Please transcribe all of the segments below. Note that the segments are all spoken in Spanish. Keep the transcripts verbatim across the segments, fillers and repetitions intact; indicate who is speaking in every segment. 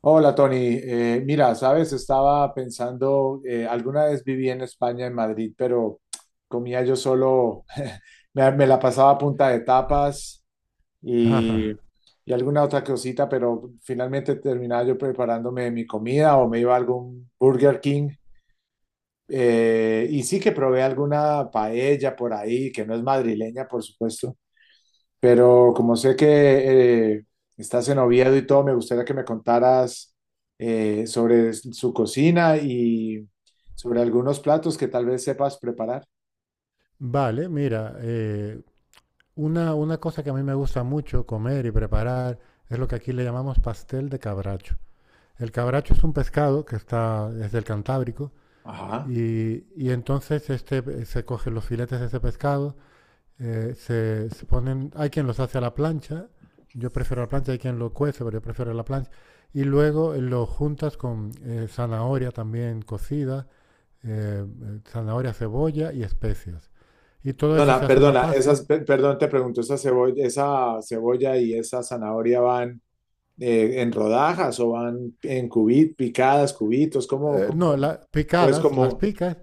Speaker 1: Hola Tony. Eh, mira, sabes, estaba pensando, eh, alguna vez viví en España, en Madrid, pero comía yo solo, me, me la pasaba a punta de tapas y,
Speaker 2: Ajá.
Speaker 1: y alguna otra cosita, pero finalmente terminaba yo preparándome mi comida o me iba a algún Burger King. Eh, y sí que probé alguna paella por ahí, que no es madrileña, por supuesto. Pero como sé que eh, estás en Oviedo y todo, me gustaría que me contaras eh, sobre su cocina y sobre algunos platos que tal vez sepas preparar.
Speaker 2: Vale, mira, eh, una, una cosa que a mí me gusta mucho comer y preparar es lo que aquí le llamamos pastel de cabracho. El cabracho es un pescado que está desde el Cantábrico.
Speaker 1: Ajá.
Speaker 2: Y, y entonces este, eh, se cogen los filetes de ese pescado, eh, se, se ponen, hay quien los hace a la plancha, yo prefiero la plancha, hay quien lo cuece, pero yo prefiero la plancha, y luego eh, lo juntas con eh, zanahoria también cocida, eh, eh, zanahoria, cebolla y especias. Y todo
Speaker 1: Perdona,
Speaker 2: eso se hace una
Speaker 1: perdona,
Speaker 2: pasta.
Speaker 1: esas, pe- perdón, te pregunto, ¿esa cebolla, esa cebolla y esa zanahoria van eh, en rodajas o van en cubitos, picadas, cubitos? ¿Cómo,
Speaker 2: Eh, no,
Speaker 1: cómo,
Speaker 2: la
Speaker 1: o es
Speaker 2: picadas, las
Speaker 1: como,
Speaker 2: picas.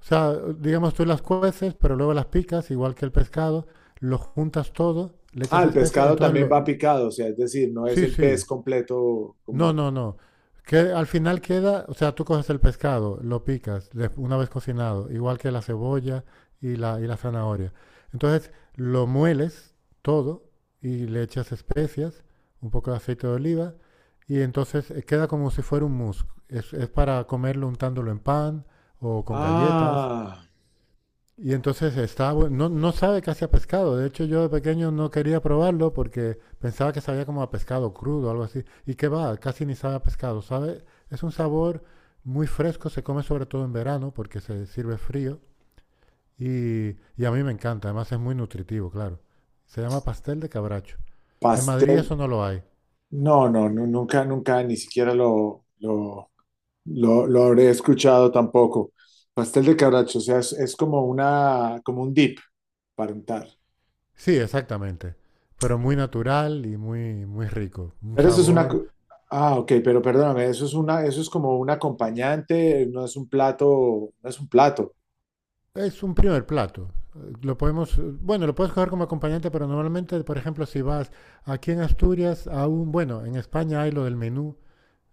Speaker 2: O sea, digamos tú las cueces, pero luego las picas, igual que el pescado, lo juntas todo, le
Speaker 1: ah,
Speaker 2: echas
Speaker 1: el
Speaker 2: especias,
Speaker 1: pescado
Speaker 2: entonces
Speaker 1: también
Speaker 2: lo...
Speaker 1: va picado, o sea, es decir, no es
Speaker 2: Sí,
Speaker 1: el pez
Speaker 2: sí.
Speaker 1: completo
Speaker 2: No,
Speaker 1: como,
Speaker 2: no, no. Que al final queda, o sea, tú coges el pescado, lo picas de- una vez cocinado, igual que la cebolla y la, y la zanahoria. Entonces lo mueles todo y le echas especias, un poco de aceite de oliva y entonces eh, queda como si fuera un mousse. Es, es para comerlo untándolo en pan o con galletas,
Speaker 1: ah,
Speaker 2: y entonces está, bu- no, no sabe casi a pescado. De hecho, yo de pequeño no quería probarlo porque pensaba que sabía como a pescado crudo o algo así. Y qué va, casi ni sabe a pescado, ¿sabe? Es un sabor muy fresco, se come sobre todo en verano porque se sirve frío. Y, y a mí me encanta, además es muy nutritivo, claro. Se llama pastel de cabracho. En Madrid
Speaker 1: pastel.
Speaker 2: eso no lo hay.
Speaker 1: No, no, nu- nunca, nunca, ni siquiera lo, lo, lo, lo habré escuchado tampoco. Pastel de cabracho, o sea, es, es como una, como un dip para untar.
Speaker 2: Sí, exactamente. Pero muy natural y muy, muy rico. Un
Speaker 1: Pero eso es una,
Speaker 2: sabor...
Speaker 1: co- ah, ok, pero perdóname, eso es una, eso es como un acompañante, no es un plato, no es un plato.
Speaker 2: Es un primer plato. Eh, Lo podemos, eh, bueno, lo puedes coger como acompañante, pero normalmente, por ejemplo, si vas aquí en Asturias, aún, bueno, en España hay lo del menú.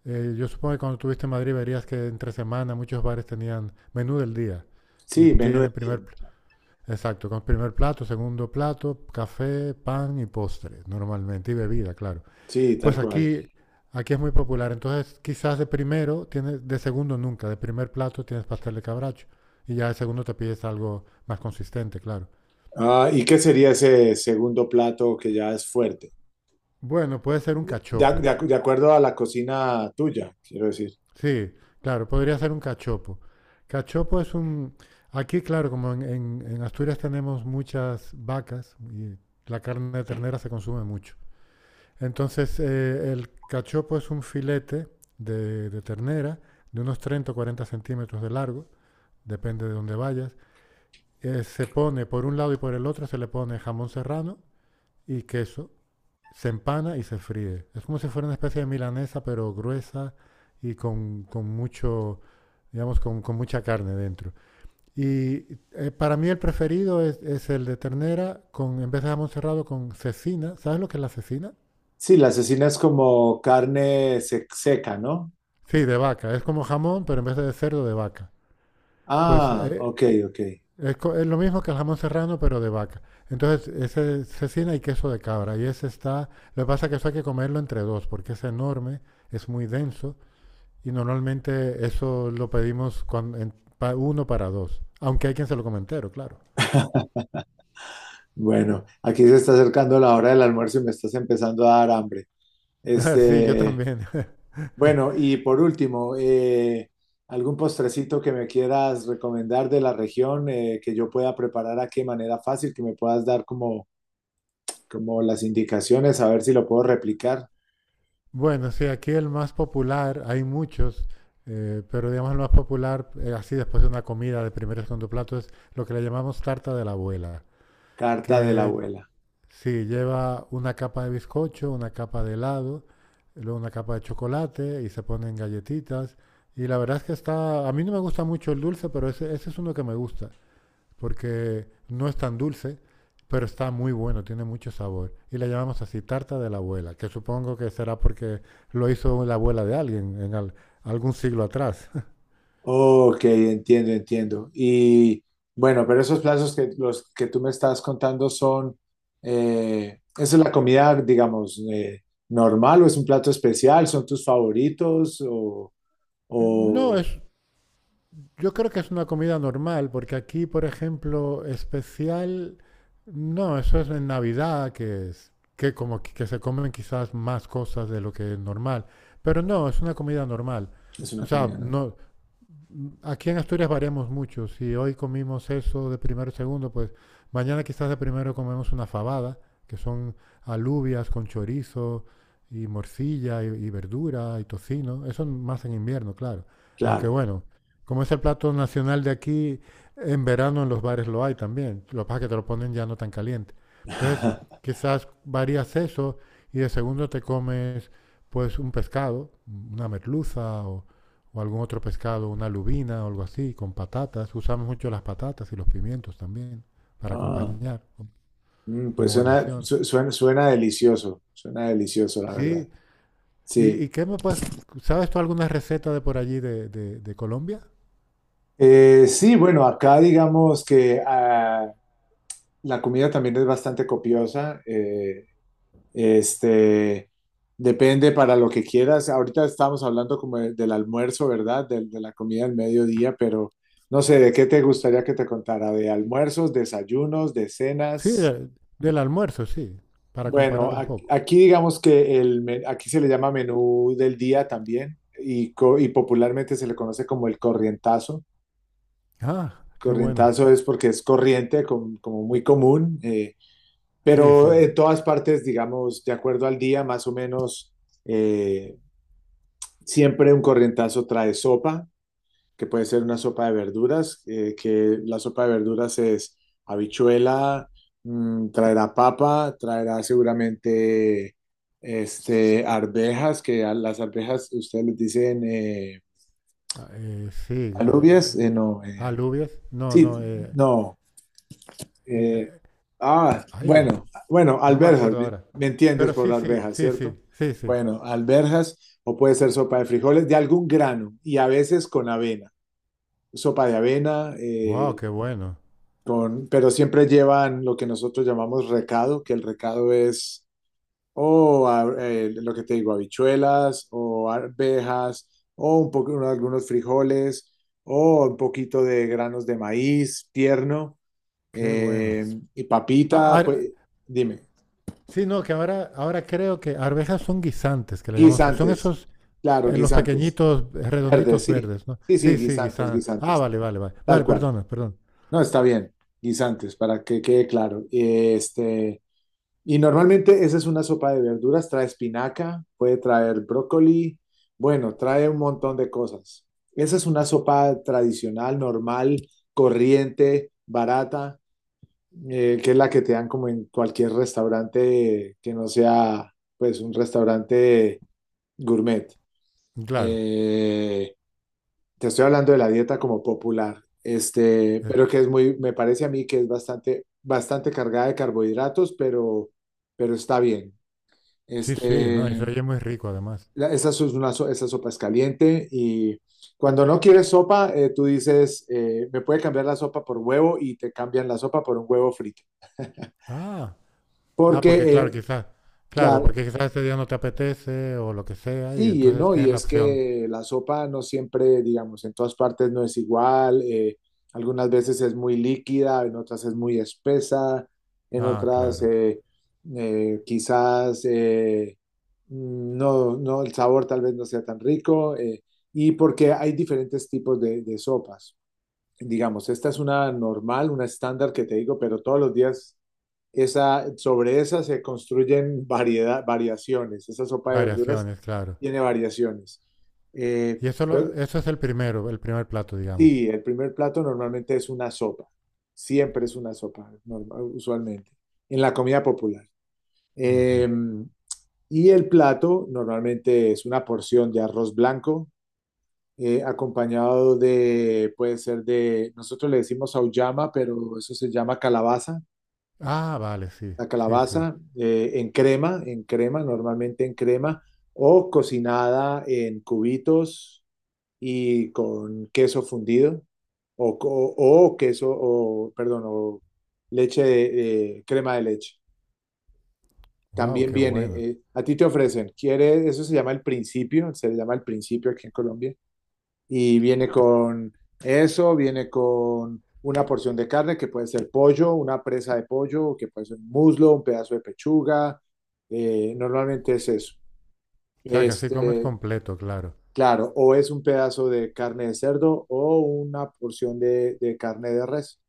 Speaker 2: Eh, yo supongo que cuando estuviste en Madrid verías que entre semana muchos bares tenían menú del día. Y
Speaker 1: Sí, menú de
Speaker 2: tiene primer,
Speaker 1: tiempo.
Speaker 2: exacto, con primer plato, segundo plato, café, pan y postre, normalmente, y bebida, claro.
Speaker 1: Sí, tal
Speaker 2: Pues
Speaker 1: cual.
Speaker 2: aquí, aquí es muy popular. Entonces, quizás de primero, tienes, de segundo nunca. De primer plato tienes pastel de cabracho. Y ya de segundo te pides algo más consistente, claro.
Speaker 1: Ah, ¿y qué sería ese segundo plato que ya es fuerte?
Speaker 2: Bueno, puede ser un
Speaker 1: De, de ac-
Speaker 2: cachopo.
Speaker 1: de ac- de acuerdo a la cocina tuya, quiero decir.
Speaker 2: Sí, claro, podría ser un cachopo. Cachopo es un... Aquí, claro, como en, en- en Asturias tenemos muchas vacas y la carne de ternera se consume mucho. Entonces, eh, el cachopo es un filete de, de ternera de unos treinta o cuarenta centímetros de largo, depende de dónde vayas. Eh, se pone por un lado y por el otro, se le pone jamón serrano y queso, se empana y se fríe. Es como si fuera una especie de milanesa, pero gruesa y con, con mucho, digamos, con, con, mucha carne dentro. Y eh, para mí el preferido es, es, el de ternera, con, en vez de jamón serrado, con cecina. ¿Sabes lo que es la cecina?
Speaker 1: Sí, la cecina es como carne sec- seca, ¿no?
Speaker 2: Sí, de vaca. Es como jamón, pero en vez de cerdo, de vaca. Pues
Speaker 1: Ah,
Speaker 2: eh,
Speaker 1: ok, ok.
Speaker 2: es, co- es lo mismo que el jamón serrano, pero de vaca. Entonces, ese es cecina y queso de cabra. Y ese está. Lo que pasa es que eso hay que comerlo entre dos, porque es enorme, es muy denso. Y normalmente eso lo pedimos cuan- en- pa- uno para dos. Aunque hay quien se lo come entero, claro.
Speaker 1: Bueno, aquí se está acercando la hora del almuerzo y me estás empezando a dar hambre.
Speaker 2: Ah, sí, yo
Speaker 1: Este,
Speaker 2: también.
Speaker 1: bueno, y por último, eh, ¿algún postrecito que me quieras recomendar de la región eh, que yo pueda preparar aquí de manera fácil, que me puedas dar como, como las indicaciones, a ver si lo puedo replicar?
Speaker 2: Bueno, sí, aquí el más popular, hay muchos, eh, pero digamos el más popular, eh, así después de una comida de primer y segundo plato, es lo que le llamamos tarta de la abuela,
Speaker 1: Carta de la
Speaker 2: que...
Speaker 1: abuela.
Speaker 2: Sí, lleva una capa de bizcocho, una capa de helado, luego una capa de chocolate y se ponen galletitas. Y la verdad es que está, a mí no me gusta mucho el dulce, pero ese, ese es uno que me gusta, porque no es tan dulce, pero está muy bueno, tiene mucho sabor. Y le llamamos así tarta de la abuela, que supongo que será porque lo hizo la abuela de alguien en al- algún siglo atrás.
Speaker 1: Ok, entiendo, entiendo. Y bueno, pero esos plazos que los que tú me estás contando son, eh, ¿esa es la comida, digamos, eh, normal o es un plato especial? ¿Son tus favoritos o,
Speaker 2: No,
Speaker 1: o
Speaker 2: es... Yo creo que es una comida normal, porque aquí, por ejemplo, especial, no, eso es en Navidad, que es, que como que que se comen quizás más cosas de lo que es normal, pero no, es una comida normal.
Speaker 1: es
Speaker 2: O
Speaker 1: una
Speaker 2: sea,
Speaker 1: comida normal?
Speaker 2: no, aquí en Asturias variamos mucho. Si hoy comimos eso de primero y segundo, pues mañana quizás de primero comemos una fabada, que son alubias con chorizo y morcilla y, y verdura y tocino. Eso más en invierno, claro. Aunque
Speaker 1: Claro.
Speaker 2: bueno, como es el plato nacional de aquí, en verano en los bares lo hay también. Lo que pasa es que te lo ponen ya no tan caliente. Entonces, quizás varías eso y de segundo te comes pues un pescado, una merluza o, o algún otro pescado, una lubina o algo así, con patatas. Usamos mucho las patatas y los pimientos también para
Speaker 1: Ah,
Speaker 2: acompañar
Speaker 1: mm, pues
Speaker 2: como
Speaker 1: suena,
Speaker 2: guarnición.
Speaker 1: su- suena, suena delicioso, suena delicioso, la verdad.
Speaker 2: Sí, ¿y,
Speaker 1: Sí.
Speaker 2: ¿y qué me puedes, sabes tú alguna receta de por allí de, de- de Colombia?
Speaker 1: Eh, sí, bueno, acá digamos que ah, la comida también es bastante copiosa. eh, Este, depende para lo que quieras. Ahorita estábamos hablando como de- del almuerzo, ¿verdad? Del- de la comida del mediodía, pero no sé, ¿de qué te gustaría que te contara? ¿De almuerzos, desayunos, de
Speaker 2: Sí,
Speaker 1: cenas?
Speaker 2: de- del almuerzo, sí, para
Speaker 1: Bueno,
Speaker 2: comparar un
Speaker 1: ac-
Speaker 2: poco.
Speaker 1: aquí digamos que el, me- aquí se le llama menú del día también y, co- y popularmente se le conoce como el corrientazo.
Speaker 2: Ah, qué bueno.
Speaker 1: Corrientazo es porque es corriente, com- como muy común, eh,
Speaker 2: Sí,
Speaker 1: pero
Speaker 2: sí.
Speaker 1: en todas partes, digamos, de acuerdo al día, más o menos eh, siempre un corrientazo trae sopa, que puede ser una sopa de verduras, eh, que la sopa de verduras es habichuela, mm, traerá papa, traerá seguramente este, arvejas, que a las arvejas ustedes les dicen eh,
Speaker 2: Ah, eh, sí,
Speaker 1: alubias,
Speaker 2: eh,
Speaker 1: eh, no, eh,
Speaker 2: alubias. No,
Speaker 1: sí,
Speaker 2: no, eh,
Speaker 1: no, eh,
Speaker 2: eh,
Speaker 1: ah,
Speaker 2: ay,
Speaker 1: bueno, bueno,
Speaker 2: no me
Speaker 1: alberjas,
Speaker 2: acuerdo
Speaker 1: ¿me
Speaker 2: ahora.
Speaker 1: me entiendes
Speaker 2: Pero
Speaker 1: por
Speaker 2: sí, sí,
Speaker 1: arvejas,
Speaker 2: sí,
Speaker 1: cierto?
Speaker 2: sí, sí, sí.
Speaker 1: Bueno, alberjas, o puede ser sopa de frijoles de algún grano y a veces con avena. Sopa de avena,
Speaker 2: Wow,
Speaker 1: eh,
Speaker 2: qué bueno,
Speaker 1: con, pero siempre llevan lo que nosotros llamamos recado, que el recado es o a- eh, lo que te digo, habichuelas o arvejas o un poco, algunos frijoles o un poquito de granos de maíz tierno,
Speaker 2: qué bueno.
Speaker 1: eh, y
Speaker 2: Ah,
Speaker 1: papita,
Speaker 2: ar-
Speaker 1: pues dime,
Speaker 2: sí, no, que ahora, ahora creo que arvejas son guisantes, que le llamamos. Son
Speaker 1: guisantes,
Speaker 2: esos,
Speaker 1: claro,
Speaker 2: eh, los
Speaker 1: guisantes,
Speaker 2: pequeñitos, eh,
Speaker 1: verdes,
Speaker 2: redonditos
Speaker 1: sí,
Speaker 2: verdes, ¿no?
Speaker 1: sí, sí,
Speaker 2: Sí, sí,
Speaker 1: guisantes,
Speaker 2: guisantes. Ah,
Speaker 1: guisantes,
Speaker 2: vale, vale, vale.
Speaker 1: tal
Speaker 2: Vale,
Speaker 1: cual.
Speaker 2: perdona, perdón.
Speaker 1: No, está bien, guisantes, para que quede claro. Este, y normalmente esa es una sopa de verduras, trae espinaca, puede traer brócoli, bueno, trae un montón de cosas. Esa es una sopa tradicional, normal, corriente, barata, eh, que es la que te dan como en cualquier restaurante que no sea pues un restaurante gourmet.
Speaker 2: Claro.
Speaker 1: Eh, te estoy hablando de la dieta como popular, este,
Speaker 2: eh,
Speaker 1: pero que es muy, me parece a mí que es bastante, bastante cargada de carbohidratos, pero, pero está bien.
Speaker 2: Sí, sí, no, y
Speaker 1: Este,
Speaker 2: se oye muy rico además.
Speaker 1: la- esa, so- es una, so- esa sopa es caliente y cuando no quieres sopa, eh, tú dices, eh, me puede cambiar la sopa por huevo y te cambian la sopa por un huevo frito.
Speaker 2: Ah, ah,
Speaker 1: Porque,
Speaker 2: porque claro,
Speaker 1: eh,
Speaker 2: quizás, claro,
Speaker 1: la-
Speaker 2: porque quizás ese día no te apetece o lo que sea, y
Speaker 1: sí,
Speaker 2: entonces
Speaker 1: no, y
Speaker 2: tienes la
Speaker 1: es
Speaker 2: opción.
Speaker 1: que la sopa no siempre, digamos, en todas partes no es igual. Eh, algunas veces es muy líquida, en otras es muy espesa, en
Speaker 2: Ah,
Speaker 1: otras
Speaker 2: claro.
Speaker 1: eh, eh, quizás eh, no, no, el sabor tal vez no sea tan rico. Eh, y porque hay diferentes tipos de, de sopas digamos, esta es una normal, una estándar que te digo, pero todos los días esa, sobre esa se construyen variedad, variaciones. Esa sopa de verduras
Speaker 2: Variaciones, claro.
Speaker 1: tiene variaciones. Eh,
Speaker 2: Y eso, lo-
Speaker 1: luego,
Speaker 2: eso es el primero, el primer plato, digamos.
Speaker 1: sí, el primer plato normalmente es una sopa. Siempre es una sopa, normal- usualmente, en la comida popular.
Speaker 2: Ujú.
Speaker 1: Eh, y el plato normalmente es una porción de arroz blanco, eh, acompañado de, puede ser de, nosotros le decimos auyama, pero eso se llama calabaza,
Speaker 2: Ah, vale, sí,
Speaker 1: la
Speaker 2: sí, sí.
Speaker 1: calabaza eh, en crema, en crema, normalmente en crema, o cocinada en cubitos y con queso fundido, o, co- o queso, o, perdón, o leche de, eh, crema de leche.
Speaker 2: Wow,
Speaker 1: También
Speaker 2: qué
Speaker 1: viene,
Speaker 2: bueno.
Speaker 1: eh, a ti te ofrecen, ¿quieres? Eso se llama el principio, se le llama el principio aquí en Colombia y viene con eso, viene con una porción de carne que puede ser pollo, una presa de pollo, que puede ser un muslo, un pedazo de pechuga, eh, normalmente es eso.
Speaker 2: O sea, que así comes
Speaker 1: Este,
Speaker 2: completo, claro.
Speaker 1: claro, o es un pedazo de carne de cerdo o una porción de, de carne de res.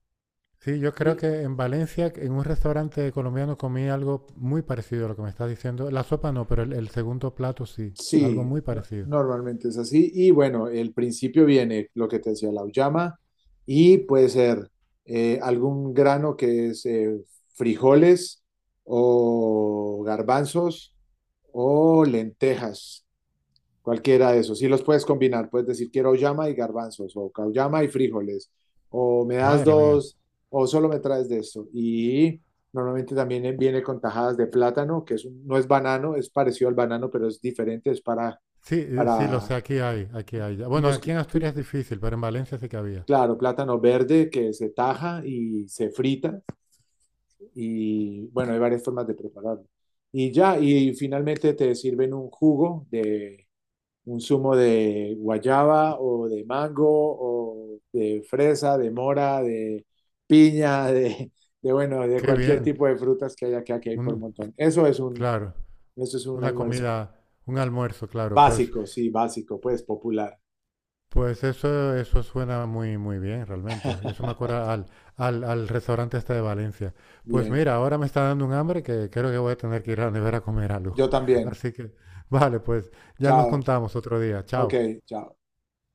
Speaker 2: Sí, yo creo
Speaker 1: Y
Speaker 2: que en Valencia, en un restaurante colombiano, comí algo muy parecido a lo que me estás diciendo. La sopa no, pero el, el segundo plato sí, algo
Speaker 1: sí,
Speaker 2: muy
Speaker 1: no-
Speaker 2: parecido.
Speaker 1: normalmente es así. Y bueno, el principio viene lo que te decía, la uyama, y puede ser eh, algún grano que es eh, frijoles o garbanzos o lentejas, cualquiera de esos. Sí los puedes combinar, puedes decir quiero uyama y garbanzos o cauyama y frijoles, o me das
Speaker 2: Madre mía.
Speaker 1: dos, o solo me traes de esto. Y normalmente también viene con tajadas de plátano, que es un- no es banano, es parecido al banano, pero es diferente, es para
Speaker 2: Sí, eh, sí, lo sé,
Speaker 1: para
Speaker 2: aquí hay, aquí hay. Ya. Bueno,
Speaker 1: unos,
Speaker 2: aquí en Asturias es difícil, pero en Valencia sí que había.
Speaker 1: claro, plátano verde que se taja y se frita y bueno, hay varias formas de prepararlo. Y ya, y finalmente te sirven un jugo de un zumo de guayaba o de mango o de fresa, de mora, de piña, de, de bueno, de
Speaker 2: Qué
Speaker 1: cualquier
Speaker 2: bien.
Speaker 1: tipo de frutas que haya que aquí hay por
Speaker 2: Un,
Speaker 1: montón. Eso es un,
Speaker 2: claro,
Speaker 1: eso es un
Speaker 2: una
Speaker 1: almuerzo.
Speaker 2: comida, un almuerzo, claro. Pues...
Speaker 1: Básico, sí, básico, pues popular.
Speaker 2: Pues eso, eso suena muy, muy bien, realmente. Eso me acuerda al, al, al restaurante este de Valencia. Pues
Speaker 1: Bien,
Speaker 2: mira, ahora me está dando un hambre que creo que voy a tener que ir a la nevera a comer algo.
Speaker 1: yo también.
Speaker 2: Así que, vale, pues ya nos
Speaker 1: Chao.
Speaker 2: contamos otro día.
Speaker 1: Ok,
Speaker 2: Chao.
Speaker 1: chao.